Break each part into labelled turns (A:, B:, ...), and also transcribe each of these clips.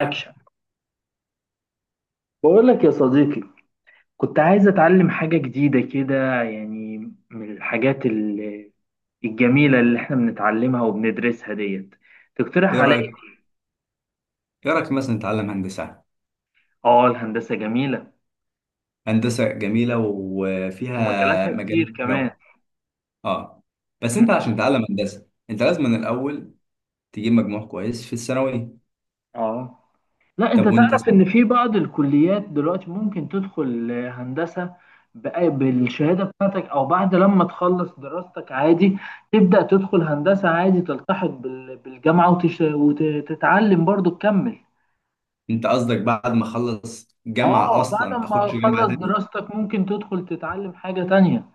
A: اكشن. بقول لك يا صديقي، كنت عايز اتعلم حاجة جديدة كده يعني. من الحاجات الجميلة اللي احنا بنتعلمها وبندرسها ديت. تقترح
B: ايه
A: عليا؟
B: رايك ايه رايك مثلا نتعلم هندسه؟
A: اه، الهندسة جميلة
B: هندسه جميله وفيها
A: ومجالاتها
B: مجالات
A: كتير كمان.
B: جو. اه. بس
A: مم.
B: انت عشان تتعلم هندسه انت لازم من الاول تجيب مجموع كويس في الثانوي.
A: اه، لا
B: طب
A: انت
B: وانت
A: تعرف ان في بعض الكليات دلوقتي ممكن تدخل هندسة بالشهادة بتاعتك او بعد لما تخلص دراستك عادي. تبدأ تدخل هندسة عادي، تلتحق بالجامعة وتتعلم برضو تكمل.
B: انت قصدك بعد ما اخلص جامعه
A: اه، بعد
B: اصلا
A: ما
B: اخش جامعه
A: تخلص
B: تاني؟
A: دراستك ممكن تدخل تتعلم حاجة تانية.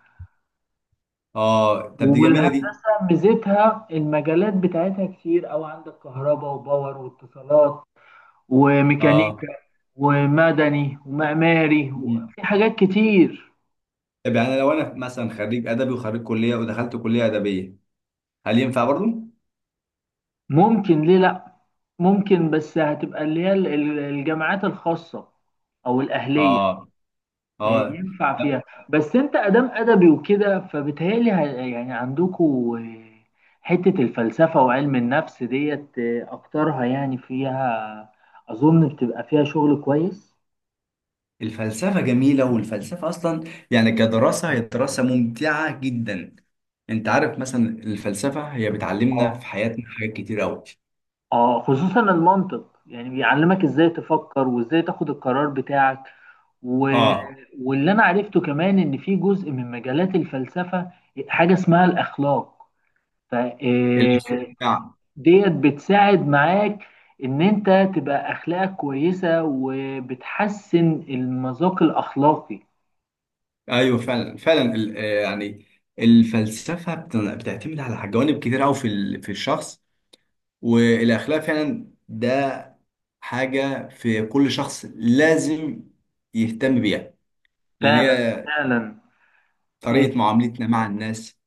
B: اه، طب دي جميله دي.
A: والهندسة ميزتها المجالات بتاعتها كتير، أو عندك كهرباء وباور واتصالات
B: اه.
A: وميكانيكا ومدني ومعماري.
B: مم.
A: في حاجات كتير.
B: طب يعني لو انا مثلا خريج ادبي وخريج كليه ودخلت كليه ادبيه، هل ينفع برضو؟
A: ممكن، ليه لأ؟ ممكن، بس هتبقى اللي هي الجامعات الخاصة أو الأهلية.
B: اه اه.
A: ينفع فيها. بس انت ادام ادبي وكده، فبتهيألي يعني عندكوا حتة الفلسفة وعلم النفس ديت، اكترها يعني فيها اظن بتبقى فيها شغل كويس.
B: الفلسفة جميلة، والفلسفة أصلا يعني كدراسة هي دراسة ممتعة جدا. أنت عارف مثلا الفلسفة هي بتعلمنا
A: اه.
B: في حياتنا حاجات كتير أوي.
A: اه، خصوصا المنطق، يعني بيعلمك ازاي تفكر وازاي تاخد القرار بتاعك و...
B: آه
A: واللي انا عرفته كمان ان في جزء من مجالات الفلسفة حاجة اسمها الاخلاق. ف آه،
B: نعم.
A: ديت بتساعد معاك ان انت تبقى اخلاقك كويسة، وبتحسن المذاق الاخلاقي.
B: أيوه فعلا فعلا، يعني الفلسفة بتعتمد على جوانب كتير أوي في الشخص. والأخلاق فعلا، ده حاجة في كل شخص لازم يهتم بيها، لأن
A: فعلا،
B: هي
A: فعلا.
B: طريقة معاملتنا مع الناس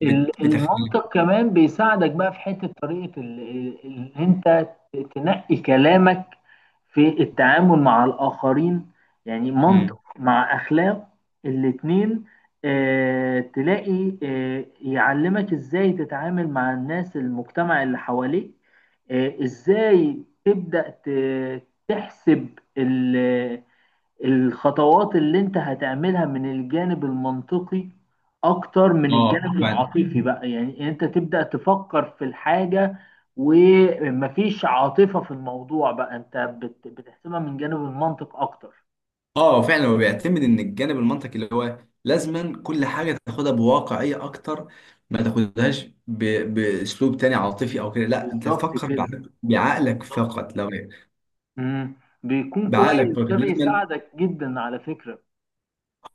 B: بتختلف.
A: المنطق كمان بيساعدك بقى في حتة طريقة اللي انت تنقي كلامك في التعامل مع الآخرين. يعني منطق
B: مم.
A: مع أخلاق الاتنين، تلاقي يعلمك ازاي تتعامل مع الناس، المجتمع اللي حواليك. ازاي تبدأ تحسب ال- الخطوات اللي انت هتعملها من الجانب المنطقي اكتر من
B: اه
A: الجانب العاطفي، بقى يعني انت تبدأ تفكر في الحاجة ومفيش عاطفة في الموضوع، بقى انت بتحسبها من جانب المنطق اكتر.
B: اه فعلا، هو بيعتمد ان الجانب المنطقي اللي هو لازما كل حاجه تاخدها بواقعيه اكتر، ما تاخدهاش باسلوب تاني عاطفي او كده، لا انت
A: بالظبط
B: تفكر
A: كده،
B: بعقلك
A: بالظبط.
B: فقط لو
A: مم. بيكون
B: بعقلك
A: كويس،
B: فقط
A: ده
B: لازما.
A: بيساعدك جدا على فكرة.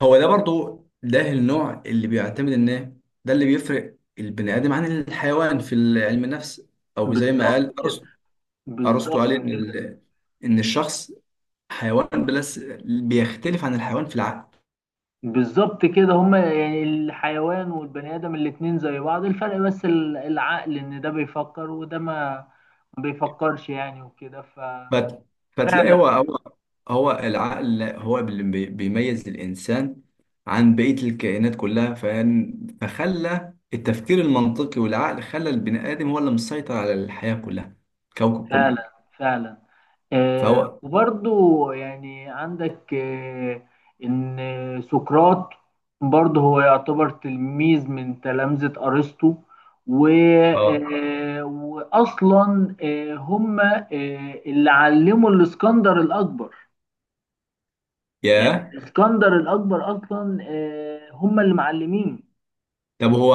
B: هو ده برضو، ده النوع اللي بيعتمد ان إيه؟ ده اللي بيفرق البني ادم عن الحيوان في علم النفس، او زي ما
A: بالظبط
B: قال
A: كده،
B: ارسطو. ارسطو قال
A: بالظبط
B: ان
A: كده.
B: ان الشخص حيوان، بس بيختلف عن الحيوان في العقل.
A: بالظبط كده، هما يعني الحيوان والبني آدم الاتنين زي بعض، الفرق بس العقل، إن ده بيفكر وده ما بيفكرش يعني وكده، ففعلا.
B: فت... فتلاقي هو العقل هو اللي بيميز الإنسان عن بقية الكائنات كلها، فخلى التفكير المنطقي والعقل خلى البني آدم هو اللي مسيطر على الحياة كلها، الكوكب كله.
A: فعلا، فعلا.
B: فهو
A: وبرضو يعني عندك إن سقراط برضه هو يعتبر تلميذ من تلامذة أرسطو، و
B: اه
A: آه وأصلا هما اللي علموا الإسكندر الأكبر. يعني
B: يا
A: اسكندر الاكبر اصلا هم اللي معلمين.
B: طب هو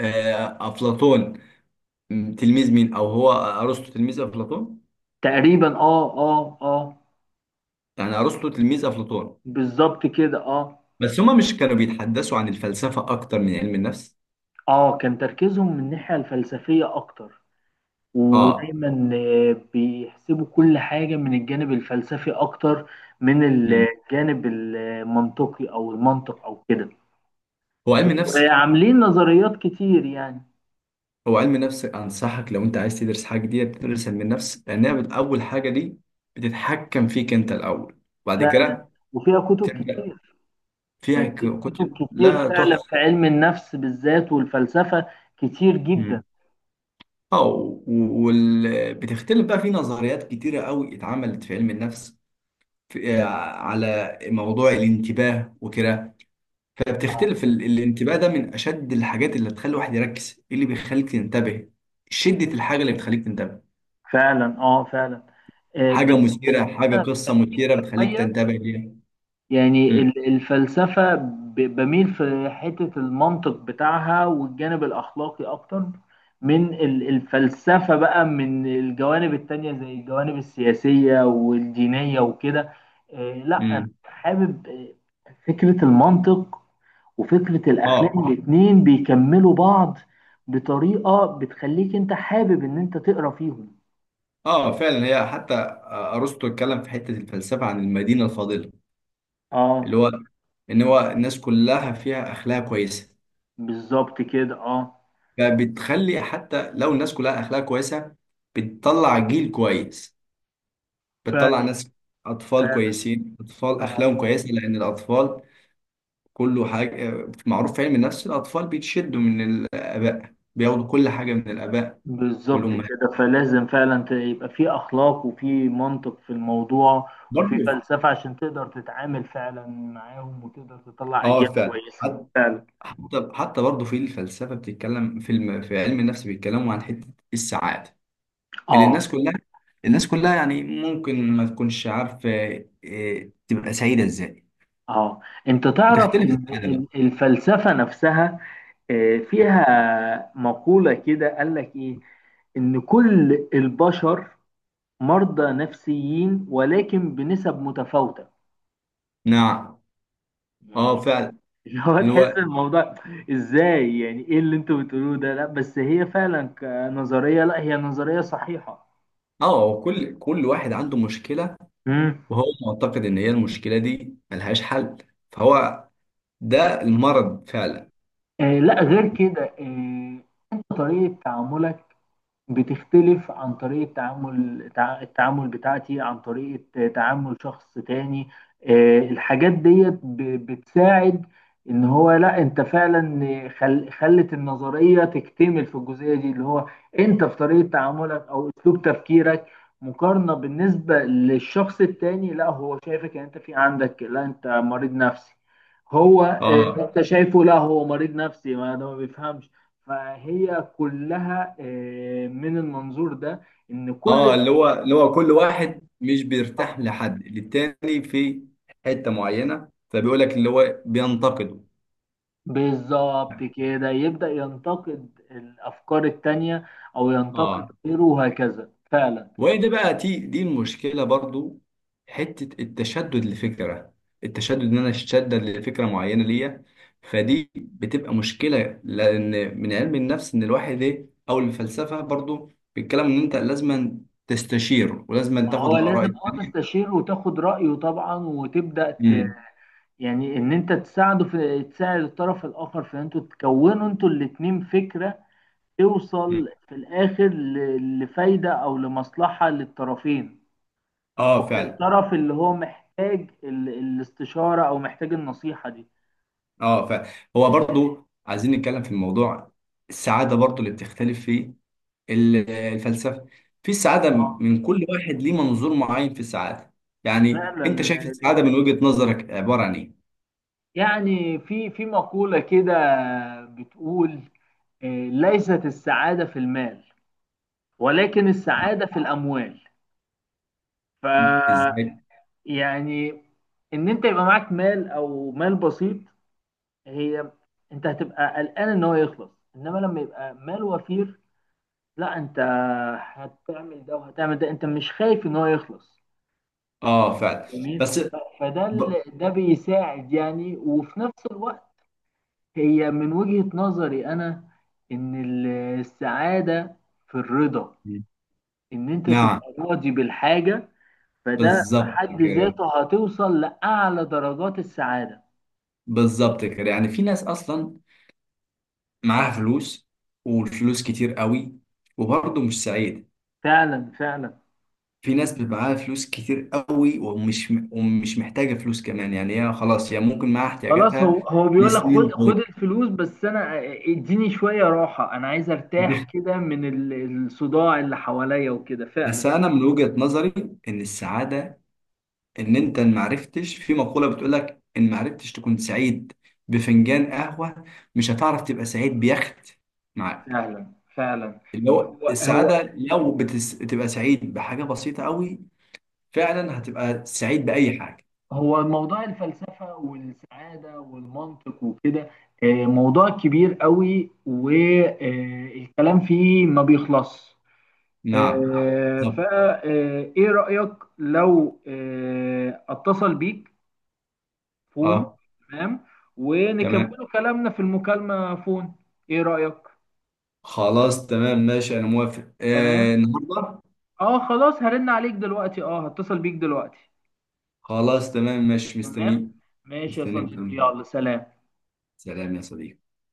B: أفلاطون. تلميذ مين؟ أو هو أرسطو تلميذ أفلاطون؟
A: تقريبا، اه، اه، اه.
B: يعني أرسطو تلميذ أفلاطون.
A: بالظبط كده، اه.
B: بس هما مش كانوا بيتحدثوا عن الفلسفة أكتر من علم النفس؟
A: اه، كان تركيزهم من الناحيه الفلسفيه اكتر،
B: اه.
A: ودايما بيحسبوا كل حاجه من الجانب الفلسفي اكتر من
B: مم.
A: الجانب المنطقي، او المنطق او كده.
B: هو علم النفس
A: وعاملين نظريات كتير يعني.
B: هو علم النفس أنصحك، لو أنت عايز تدرس حاجة جديدة تدرس علم النفس، لأنها أول حاجة دي بتتحكم فيك أنت الأول، وبعد
A: فعلا،
B: كده
A: وفيها كتب
B: تبدأ
A: كتير.
B: فيها
A: يعني في كتب
B: كتب
A: كتير
B: لا
A: فعلا
B: تحصى.
A: في علم النفس بالذات، والفلسفه كتير جدا.
B: مم. بتختلف بقى في نظريات كتيرة قوي اتعملت في علم النفس، في... آه، على موضوع الانتباه وكده. فبتختلف الانتباه، ده من أشد الحاجات اللي تخلي الواحد يركز. إيه اللي بيخليك تنتبه؟ شدة الحاجة اللي بتخليك تنتبه.
A: فعلا، اه، فعلا. بس
B: حاجة قصة مثيرة بتخليك
A: شوية،
B: تنتبه ليها.
A: يعني
B: مم.
A: الفلسفة بميل في حتة المنطق بتاعها والجانب الأخلاقي أكتر من الفلسفة بقى، من الجوانب التانية زي الجوانب السياسية والدينية وكده. لا، أنا
B: مم.
A: حابب فكرة المنطق وفكرة الأخلاق
B: اه
A: الاتنين بيكملوا بعض بطريقة بتخليك أنت حابب إن أنت تقرأ فيهم.
B: اه فعلا. هي حتى ارسطو اتكلم في حته الفلسفه عن المدينه الفاضله، اللي
A: اه،
B: هو ان هو الناس كلها فيها اخلاق كويسه.
A: بالظبط كده. اه،
B: فبتخلي حتى لو الناس كلها اخلاق كويسه، بتطلع جيل كويس، بتطلع
A: فعلا،
B: ناس، اطفال
A: فعلا.
B: كويسين، اطفال
A: اه،
B: اخلاقهم كويسه، لان الاطفال كله حاجه، معروف في علم النفس الاطفال بيتشدوا من الاباء، بياخدوا كل حاجه من الاباء
A: بالظبط
B: والامهات
A: كده، فلازم فعلا يبقى في اخلاق وفي منطق في الموضوع، وفي
B: برضه.
A: فلسفة عشان تقدر تتعامل فعلا معاهم وتقدر تطلع
B: اه
A: اجيال
B: فعلا.
A: كويسة. فعلا.
B: حتى برضه في الفلسفه بتتكلم، في علم النفس بيتكلموا عن حته السعاده، اللي الناس
A: اه.
B: كلها الناس كلها يعني ممكن ما تكونش عارفه إيه، تبقى سعيده ازاي.
A: اه، انت تعرف
B: وتختلف
A: ان
B: السعاده بقى.
A: الفلسفة نفسها فيها مقولة كده، قال لك ايه؟ ان كل البشر مرضى نفسيين ولكن بنسب متفاوتة.
B: نعم.
A: يعني
B: اه فعلا.
A: اللي هو تحس
B: الوقت.
A: الموضوع ازاي، يعني ايه اللي انتوا بتقولوه ده؟ لا بس هي فعلا كنظرية، لا هي نظرية صحيحة.
B: اه، هو كل واحد عنده مشكله،
A: امم.
B: وهو معتقد ان هي المشكله دي ملهاش حل، فهو ده المرض فعلا.
A: لا، غير كده. انت طريقة تعاملك بتختلف عن طريقة تعامل التعامل بتاعتي، عن طريقة تعامل شخص تاني. الحاجات ديت بتساعد ان هو، لا انت فعلا خلت النظرية تكتمل في الجزئية دي، اللي هو انت في طريقة تعاملك او اسلوب تفكيرك مقارنة بالنسبة للشخص التاني، لا هو شايفك ان انت في عندك، لا انت مريض نفسي، هو
B: اه.
A: انت شايفه، لا هو مريض نفسي، ما ده ما بيفهمش. فهي كلها من المنظور ده ان
B: اه
A: كل.
B: اللي هو كل واحد مش بيرتاح لحد للتاني في حته معينه، فبيقول لك اللي هو بينتقده.
A: بالظبط كده، يبدأ ينتقد الأفكار التانية أو ينتقد
B: اه.
A: غيره وهكذا، فعلا.
B: وهي ده بقى، دي المشكله برضو، حته التشدد لفكره، التشدد ان انا اتشدد لفكره معينه ليا. فدي بتبقى مشكله، لان من علم النفس ان الواحد ايه، او الفلسفه برضو بيتكلم ان انت لازم تستشير ولازم
A: ما
B: تاخد
A: هو
B: الاراء
A: لازم
B: التانيه.
A: تستشير وتاخد رأيه طبعا،
B: امم
A: يعني إن أنت تساعده في، تساعد الطرف الآخر في إن أنتوا تكونوا أنتوا الاتنين فكرة،
B: أمم.
A: توصل في الآخر لفايدة أو لمصلحة للطرفين،
B: اه
A: او
B: فعلا.
A: للطرف اللي هو محتاج الاستشارة او محتاج النصيحة دي.
B: اه، فهو برضو عايزين نتكلم في الموضوع، السعاده برضو اللي بتختلف في الفلسفه، في السعاده
A: اه،
B: من كل واحد ليه منظور معين في السعاده. يعني انت
A: فعلا.
B: شايف السعاده من وجهه نظرك عباره عن ايه؟
A: يعني في مقولة كده بتقول ليست السعادة في المال، ولكن السعادة في الأموال. ف
B: ازاي؟
A: يعني إن أنت يبقى معاك مال أو مال بسيط، هي أنت هتبقى قلقان إن هو يخلص. إنما لما يبقى مال وفير، لا أنت هتعمل ده وهتعمل ده، أنت مش خايف إن هو يخلص.
B: اه فعلا.
A: جميل.
B: بس
A: فده
B: ب...
A: ده بيساعد يعني، وفي نفس الوقت هي من وجهة نظري انا ان السعادة في الرضا، ان انت
B: نعم.
A: تبقى راضي بالحاجة. فده في
B: بالظبط
A: حد
B: كده،
A: ذاته هتوصل لأعلى درجات السعادة.
B: بالظبط كده، يعني في ناس اصلا معاها فلوس، والفلوس كتير قوي، وبرضه مش سعيد.
A: فعلا، فعلا.
B: في ناس بيبقى معاها فلوس كتير قوي، ومش محتاجة فلوس كمان، يعني هي خلاص، هي ممكن معاها
A: خلاص، هو
B: احتياجاتها
A: هو بيقول لك خد
B: لسنين
A: خد
B: طويلة.
A: الفلوس، بس انا اديني شوية راحة، انا عايز ارتاح كده من الصداع اللي حواليا وكده،
B: بس
A: فعلا.
B: أنا من وجهة نظري، إن السعادة، إن أنت ما عرفتش، في مقولة بتقولك إن ما عرفتش تكون سعيد بفنجان قهوة، مش هتعرف تبقى سعيد بيخت معاك.
A: فعلا، فعلا.
B: اللي هو
A: هو هو
B: السعادة، لو بتبقى سعيد بحاجة بسيطة قوي، فعلا هتبقى سعيد بأي حاجة.
A: هو موضوع الفلسفة والسعادة والمنطق وكده، موضوع كبير قوي والكلام فيه ما بيخلص.
B: نعم، بالظبط.
A: فإيه رأيك، لو أتصل بيك فون؟
B: اه
A: تمام.
B: تمام.
A: ونكملوا كلامنا في المكالمة فون. إيه رأيك؟
B: خلاص تمام ماشي، انا موافق،
A: تمام.
B: النهارده.
A: اه، خلاص هرن عليك دلوقتي، اه هتصل بيك دلوقتي.
B: خلاص تمام ماشي،
A: تمام.
B: مستنيك.
A: ماشي يا
B: مستنيك.
A: صديقي، يلا سلام.
B: سلام يا صديقي.